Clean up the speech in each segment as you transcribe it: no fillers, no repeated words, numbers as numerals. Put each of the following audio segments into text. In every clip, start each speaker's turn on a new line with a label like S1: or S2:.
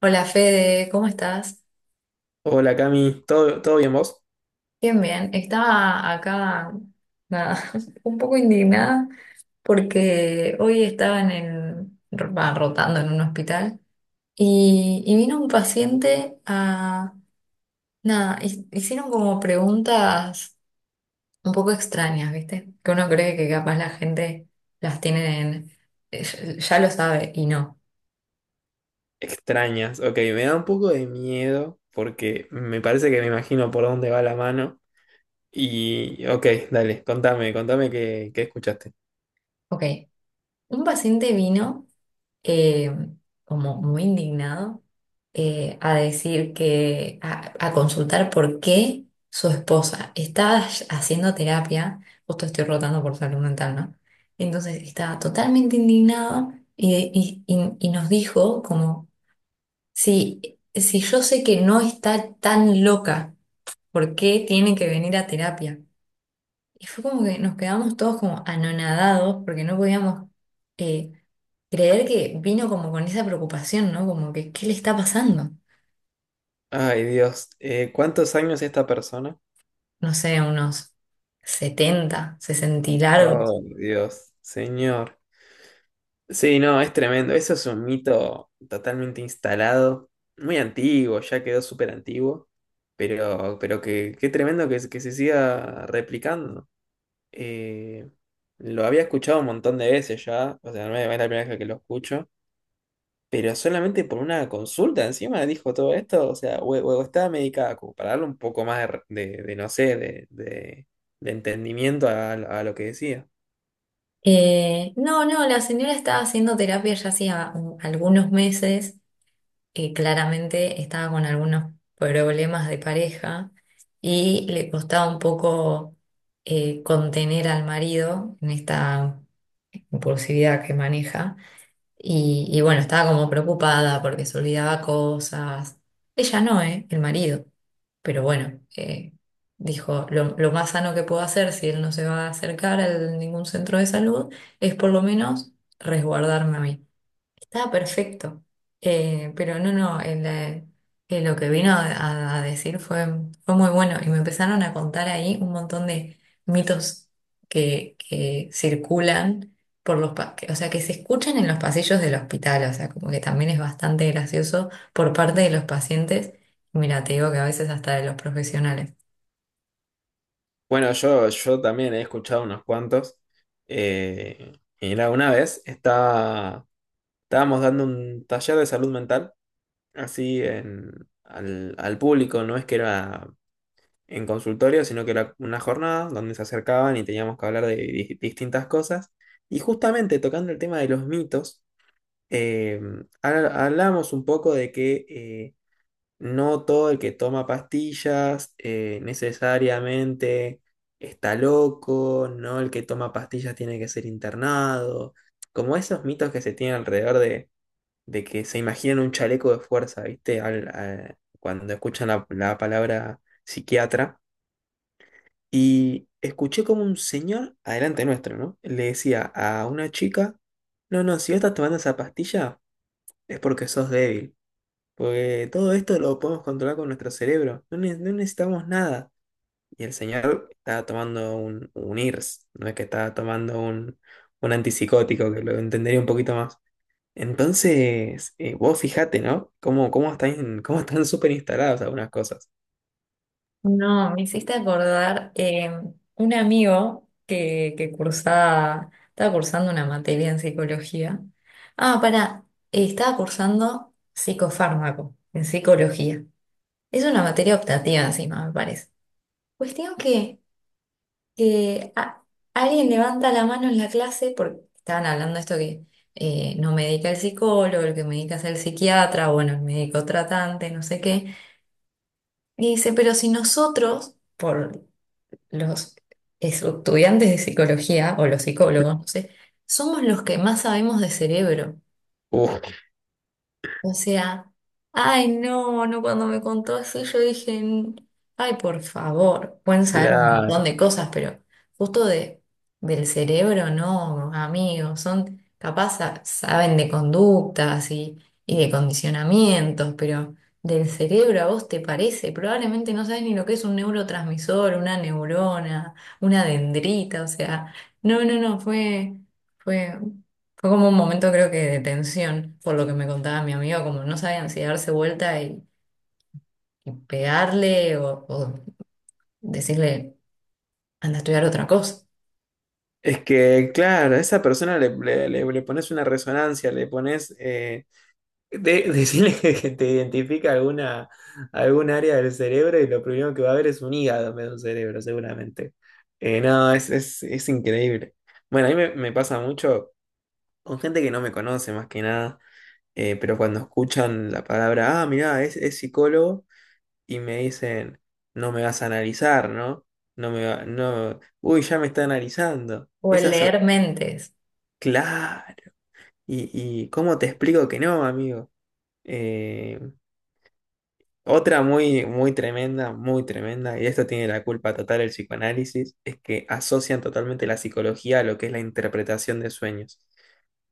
S1: Hola Fede, ¿cómo estás?
S2: Hola Cami, ¿todo bien vos?
S1: Bien, bien. Estaba acá, nada, un poco indignada porque hoy estaban rotando en un hospital y vino un paciente a, nada, hicieron como preguntas un poco extrañas, ¿viste? Que uno cree que capaz la gente las tiene ya lo sabe y no.
S2: Extrañas, ok, me da un poco de miedo porque me parece que me imagino por dónde va la mano y ok, dale, contame qué escuchaste.
S1: Ok, un paciente vino. eh, Como muy indignado, a decir que, a consultar por qué su esposa estaba haciendo terapia, justo estoy rotando por salud mental, ¿no? Entonces estaba totalmente indignado y nos dijo como, si yo sé que no está tan loca, ¿por qué tiene que venir a terapia? Y fue como que nos quedamos todos como anonadados porque no podíamos eh, creer que vino como con esa preocupación, ¿no? Como que, ¿qué le está pasando?
S2: Ay Dios, ¿cuántos años esta persona?
S1: No sé, unos setenta, 60 y largos.
S2: Oh Dios, señor. Sí, no, es tremendo, eso es un mito totalmente instalado, muy antiguo, ya quedó súper antiguo, pero qué tremendo que se siga replicando. Eh, lo había escuchado un montón de veces ya, o sea, no es la primera vez que lo escucho, pero solamente por una consulta encima dijo todo esto, o sea, o estaba medicada, como para darle un poco más de, no sé, de entendimiento a lo que decía.
S1: No, no, la señora estaba haciendo terapia ya hacía algunos meses, claramente estaba con algunos problemas de pareja y le costaba un poco, contener al marido en esta impulsividad que maneja. Y bueno, estaba como preocupada porque se olvidaba cosas. Ella no, ¿eh? El marido. Pero bueno, dijo, lo más sano que puedo hacer si él no se va a acercar a ningún centro de salud es por lo menos resguardarme a mí. Estaba perfecto. Pero no, no, lo que vino a decir fue, fue muy bueno y me empezaron a contar ahí un montón de mitos que circulan por o sea, que se escuchan en los pasillos del hospital, o sea, como que también es bastante gracioso por parte de los pacientes. Y mira, te digo que a veces hasta de los profesionales.
S2: Bueno, yo también he escuchado unos cuantos. eh, y una vez estábamos dando un taller de salud mental, así al público, no es que era en consultorio, sino que era una jornada donde se acercaban y teníamos que hablar de distintas cosas. Y justamente tocando el tema de los mitos, eh, hablamos un poco de que no todo el que toma pastillas necesariamente está loco, no el que toma pastillas tiene que ser internado, como esos mitos que se tienen alrededor de que se imaginan un chaleco de fuerza, ¿viste? Cuando escuchan la palabra psiquiatra. Y escuché como un señor, adelante nuestro, ¿no? Le decía a una chica, no, no, si vos estás tomando esa pastilla es porque sos débil, porque todo esto lo podemos controlar con nuestro cerebro, no, no necesitamos nada. Y el señor estaba tomando un IRS, no es que estaba tomando un antipsicótico, que lo entendería un poquito más. Entonces, vos fijate, ¿no? Cómo están, súper instaladas algunas cosas.
S1: No, me hiciste acordar un amigo que cursaba, estaba cursando una materia en psicología. Ah, para estaba cursando psicofármaco en psicología. Es una materia optativa encima, me parece. Cuestión que a- Alguien levanta la mano en la clase porque estaban hablando de esto que no medica el psicólogo, el que medica es el psiquiatra, bueno, el médico tratante, no sé qué. Y dice, pero si nosotros, por los estudiantes de psicología o los psicólogos, no sé, somos los que más sabemos de cerebro.
S2: Uf,
S1: O sea, ay, no, no, cuando me contó así, yo dije, Ay, por favor, pueden saber un
S2: claro.
S1: montón de cosas, pero justo del cerebro, no, amigos, son capaz, saben de conductas y de condicionamientos, pero del cerebro a vos te parece, probablemente no sabes ni lo que es un neurotransmisor, una neurona, una dendrita, o sea, no, no, no, fue. Fue como un momento creo que de tensión, por lo que me contaba mi amigo, como no sabían si darse vuelta y pegarle o decirle, anda a estudiar otra cosa,
S2: Es que, claro, a esa persona le pones una resonancia, le pones, decirle que te identifica algún área del cerebro y lo primero que va a ver es un hígado en vez de un cerebro, seguramente. No, es increíble. Bueno, a mí me pasa mucho con gente que no me conoce más que nada, pero cuando escuchan la palabra, ah, mirá, es psicólogo, y me dicen, no me vas a analizar, ¿no? No, uy, ya me está analizando.
S1: o el
S2: Esas
S1: leer mentes.
S2: Claro. ¿Y cómo te explico que no, amigo? Eh, otra muy, muy tremenda, y esto tiene la culpa total el psicoanálisis, es que asocian totalmente la psicología a lo que es la interpretación de sueños.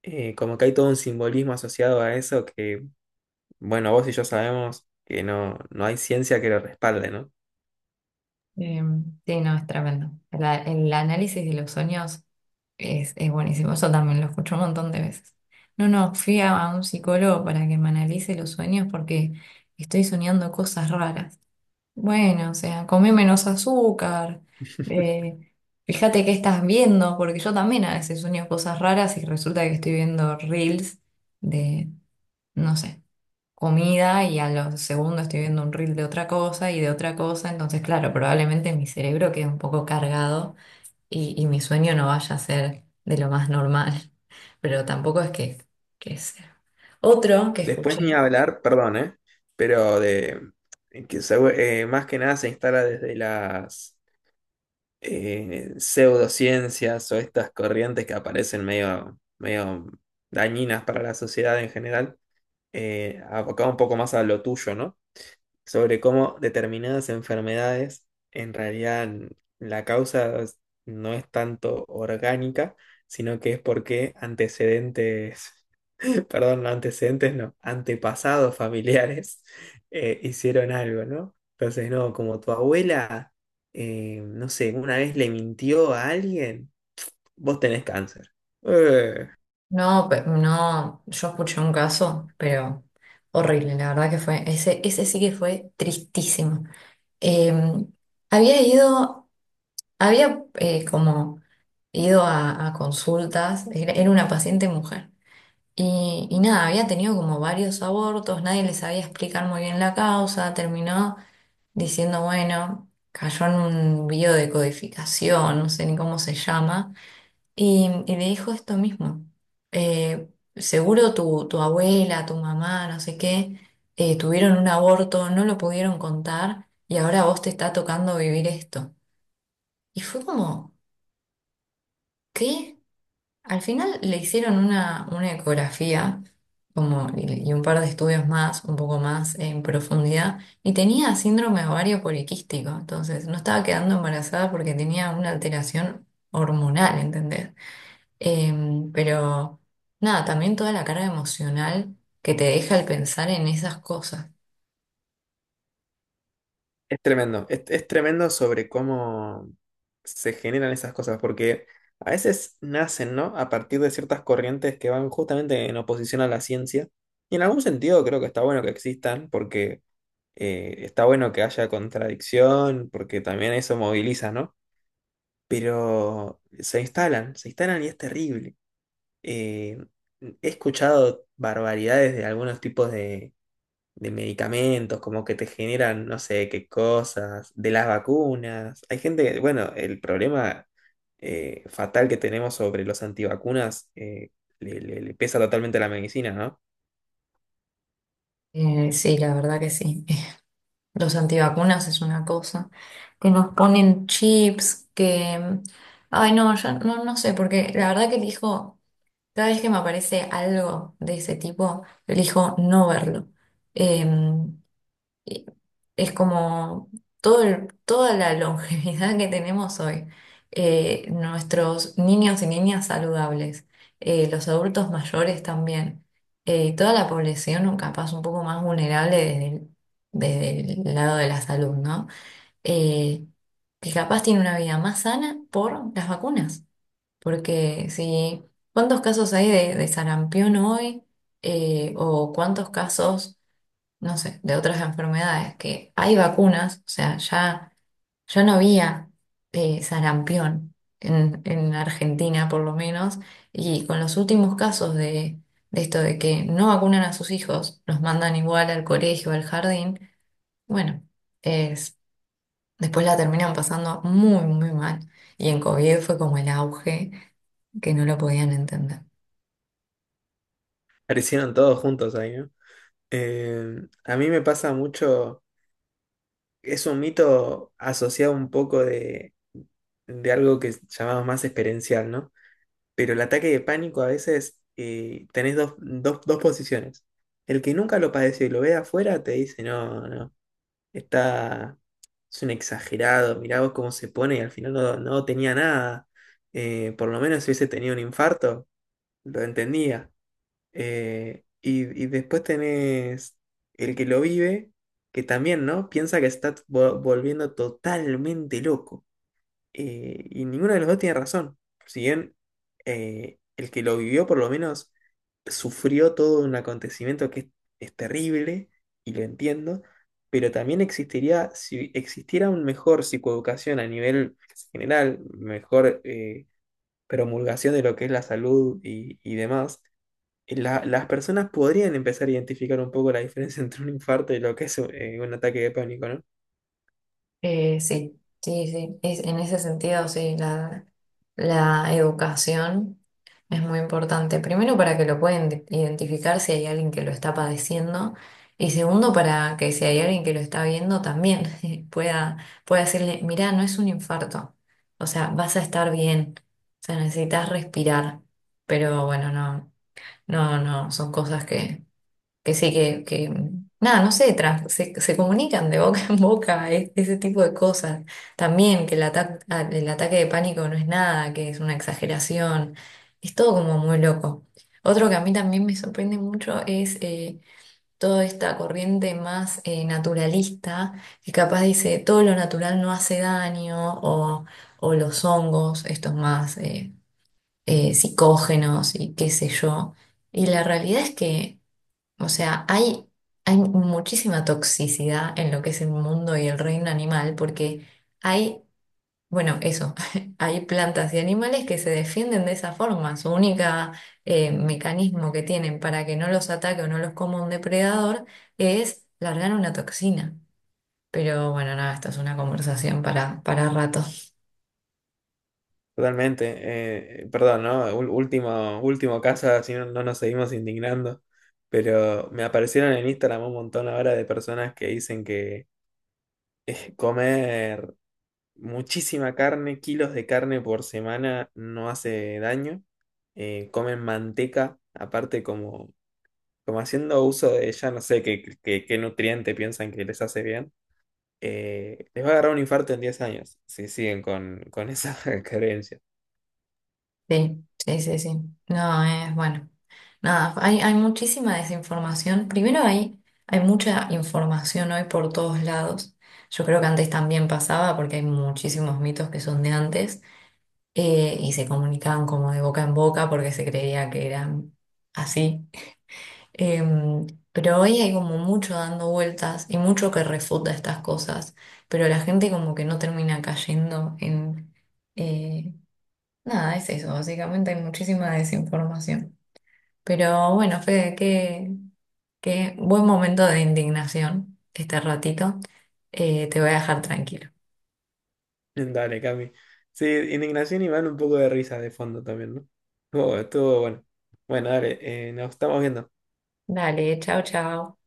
S2: Como que hay todo un simbolismo asociado a eso que, bueno, vos y yo sabemos que no, no hay ciencia que lo respalde, ¿no?
S1: Eh, sí, no, es tremendo. El análisis de los sueños es buenísimo, eso también lo escucho un montón de veces. No, no, fui a un psicólogo para que me analice los sueños porque estoy soñando cosas raras. Bueno, o sea, come menos azúcar, eh, fíjate qué estás viendo, porque yo también a veces sueño cosas raras y resulta que estoy viendo reels de, no sé, comida y a los segundos estoy viendo un reel de otra cosa y de otra cosa, entonces claro, probablemente mi cerebro quede un poco cargado y mi sueño no vaya a ser de lo más normal, pero tampoco es que sea. Otro que
S2: Después
S1: escuché.
S2: ni hablar, perdón, ¿eh? Pero de que más que nada se instala desde las pseudociencias o estas corrientes que aparecen medio, medio dañinas para la sociedad en general, abocado un poco más a lo tuyo, ¿no? Sobre cómo determinadas enfermedades, en realidad la causa no es tanto orgánica, sino que es porque antecedentes, perdón, no antecedentes, no, antepasados familiares hicieron algo, ¿no? Entonces, no, como tu abuela, no sé, una vez le mintió a alguien, vos tenés cáncer. Eh,
S1: No, no, yo escuché un caso, pero horrible, la verdad que fue, ese sí que fue tristísimo. Eh, había ido, había como ido a consultas, era, era una paciente mujer, y nada, había tenido como varios abortos, nadie le sabía explicar muy bien la causa, terminó diciendo, bueno, cayó en un biodecodificación, no sé ni cómo se llama y le dijo esto mismo. eh, Seguro tu abuela, tu mamá, no sé qué, tuvieron un aborto, no lo pudieron contar y ahora a vos te está tocando vivir esto. Y fue como, ¿qué? Al final le hicieron una ecografía como, y un par de estudios más, un poco más en profundidad, y tenía síndrome ovario poliquístico. Entonces no estaba quedando embarazada porque tenía una alteración hormonal, ¿entendés? Em, pero nada, también toda la carga emocional que te deja el pensar en esas cosas.
S2: es tremendo, es tremendo sobre cómo se generan esas cosas, porque a veces nacen, ¿no? A partir de ciertas corrientes que van justamente en oposición a la ciencia. Y en algún sentido creo que está bueno que existan, porque está bueno que haya contradicción, porque también eso moviliza, ¿no? Pero se instalan y es terrible. Eh, He escuchado barbaridades de algunos tipos de medicamentos, como que te generan no sé qué cosas, de las vacunas. Hay gente que, bueno, el problema fatal que tenemos sobre los antivacunas le pesa totalmente a la medicina, ¿no?
S1: Sí, la verdad que sí. Los antivacunas es una cosa. Que nos ponen chips, que... mm, ay, no, yo no, no sé, porque la verdad que elijo, cada vez que me aparece algo de ese tipo, elijo no verlo. Em, Y es como todo toda la longevidad que tenemos hoy, nuestros niños y niñas saludables, los adultos mayores también, toda la población capaz un poco más vulnerable desde el lado de la salud, ¿no? Eh, que capaz tiene una vida más sana por las vacunas, porque si, ¿cuántos casos hay de sarampión hoy? ¿O cuántos casos no sé, de otras enfermedades, que hay vacunas, o sea, ya, ya no había sarampión en Argentina por lo menos, y con los últimos casos de esto de que no vacunan a sus hijos, los mandan igual al colegio, al jardín, bueno, es, después la terminan pasando muy, muy mal, y en COVID fue como el auge que no lo podían entender.
S2: Aparecieron todos juntos ahí, ¿no? Eh, a mí me pasa mucho, es un mito asociado un poco de algo que llamamos más experiencial, ¿no? Pero el ataque de pánico a veces tenés dos posiciones. El que nunca lo padeció y lo ve de afuera te dice, no, no, está, es un exagerado, mirá vos cómo se pone y al final no, no tenía nada. Por lo menos si hubiese tenido un infarto, lo entendía. Y después tenés el que lo vive, que también, ¿no? Piensa que se está volviendo totalmente loco. Y ninguno de los dos tiene razón. Si bien el que lo vivió por lo menos sufrió todo un acontecimiento que es terrible, y lo entiendo, pero también existiría, si existiera un mejor psicoeducación a nivel general, mejor promulgación de lo que es la salud y demás las personas podrían empezar a identificar un poco la diferencia entre un infarto y lo que es un ataque de pánico, ¿no?
S1: Sí, sí, sí. En ese sentido, sí, la educación es muy importante. Primero, para que lo puedan identificar si hay alguien que lo está padeciendo. Y segundo, para que si hay alguien que lo está viendo, también pueda, pueda decirle, mirá, no es un infarto. O sea, vas a estar bien. O sea, necesitas respirar. Pero bueno, no, no, no, son cosas que sí, que, nada, no sé, se comunican de boca en boca, ese tipo de cosas. También que el, el ataque de pánico no es nada, que es una exageración, es todo como muy loco. Otro que a mí también me sorprende mucho es toda esta corriente más naturalista, que capaz dice todo lo natural no hace daño, o los hongos, estos más psicógenos y qué sé yo. Y la realidad es que... O sea, hay muchísima toxicidad en lo que es el mundo y el reino animal porque hay, bueno, eso, hay plantas y animales que se defienden de esa forma. Su única mecanismo que tienen para que no los ataque o no los coma un depredador es largar una toxina. Pero bueno, nada, esto es una conversación para rato.
S2: Totalmente. Perdón, ¿no? Último caso, si no, no nos seguimos indignando. Pero me aparecieron en Instagram un montón ahora de personas que dicen que comer muchísima carne, kilos de carne por semana, no hace daño. Comen manteca, aparte como haciendo uso de ella, no sé qué, qué nutriente piensan que les hace bien. Les va a agarrar un infarto en 10 años si siguen con esa creencia.
S1: Sí, sí, sí, sí. No, es bueno. Nada, hay muchísima desinformación. Primero hay, hay mucha información hoy por todos lados. Yo creo que antes también pasaba porque hay muchísimos mitos que son de antes y se comunicaban como de boca en boca porque se creía que eran así. Em, pero hoy hay como mucho dando vueltas y mucho que refuta estas cosas, pero la gente como que no termina cayendo en... eh, Nada, es eso, básicamente hay muchísima desinformación. Pero bueno, Fede, qué, qué buen momento de indignación este ratito. Te voy a dejar tranquilo.
S2: Dale, Cami. Sí, indignación y van un poco de risa de fondo también, ¿no? Estuvo bueno. Bueno, dale, nos estamos viendo.
S1: Dale, chao, chao.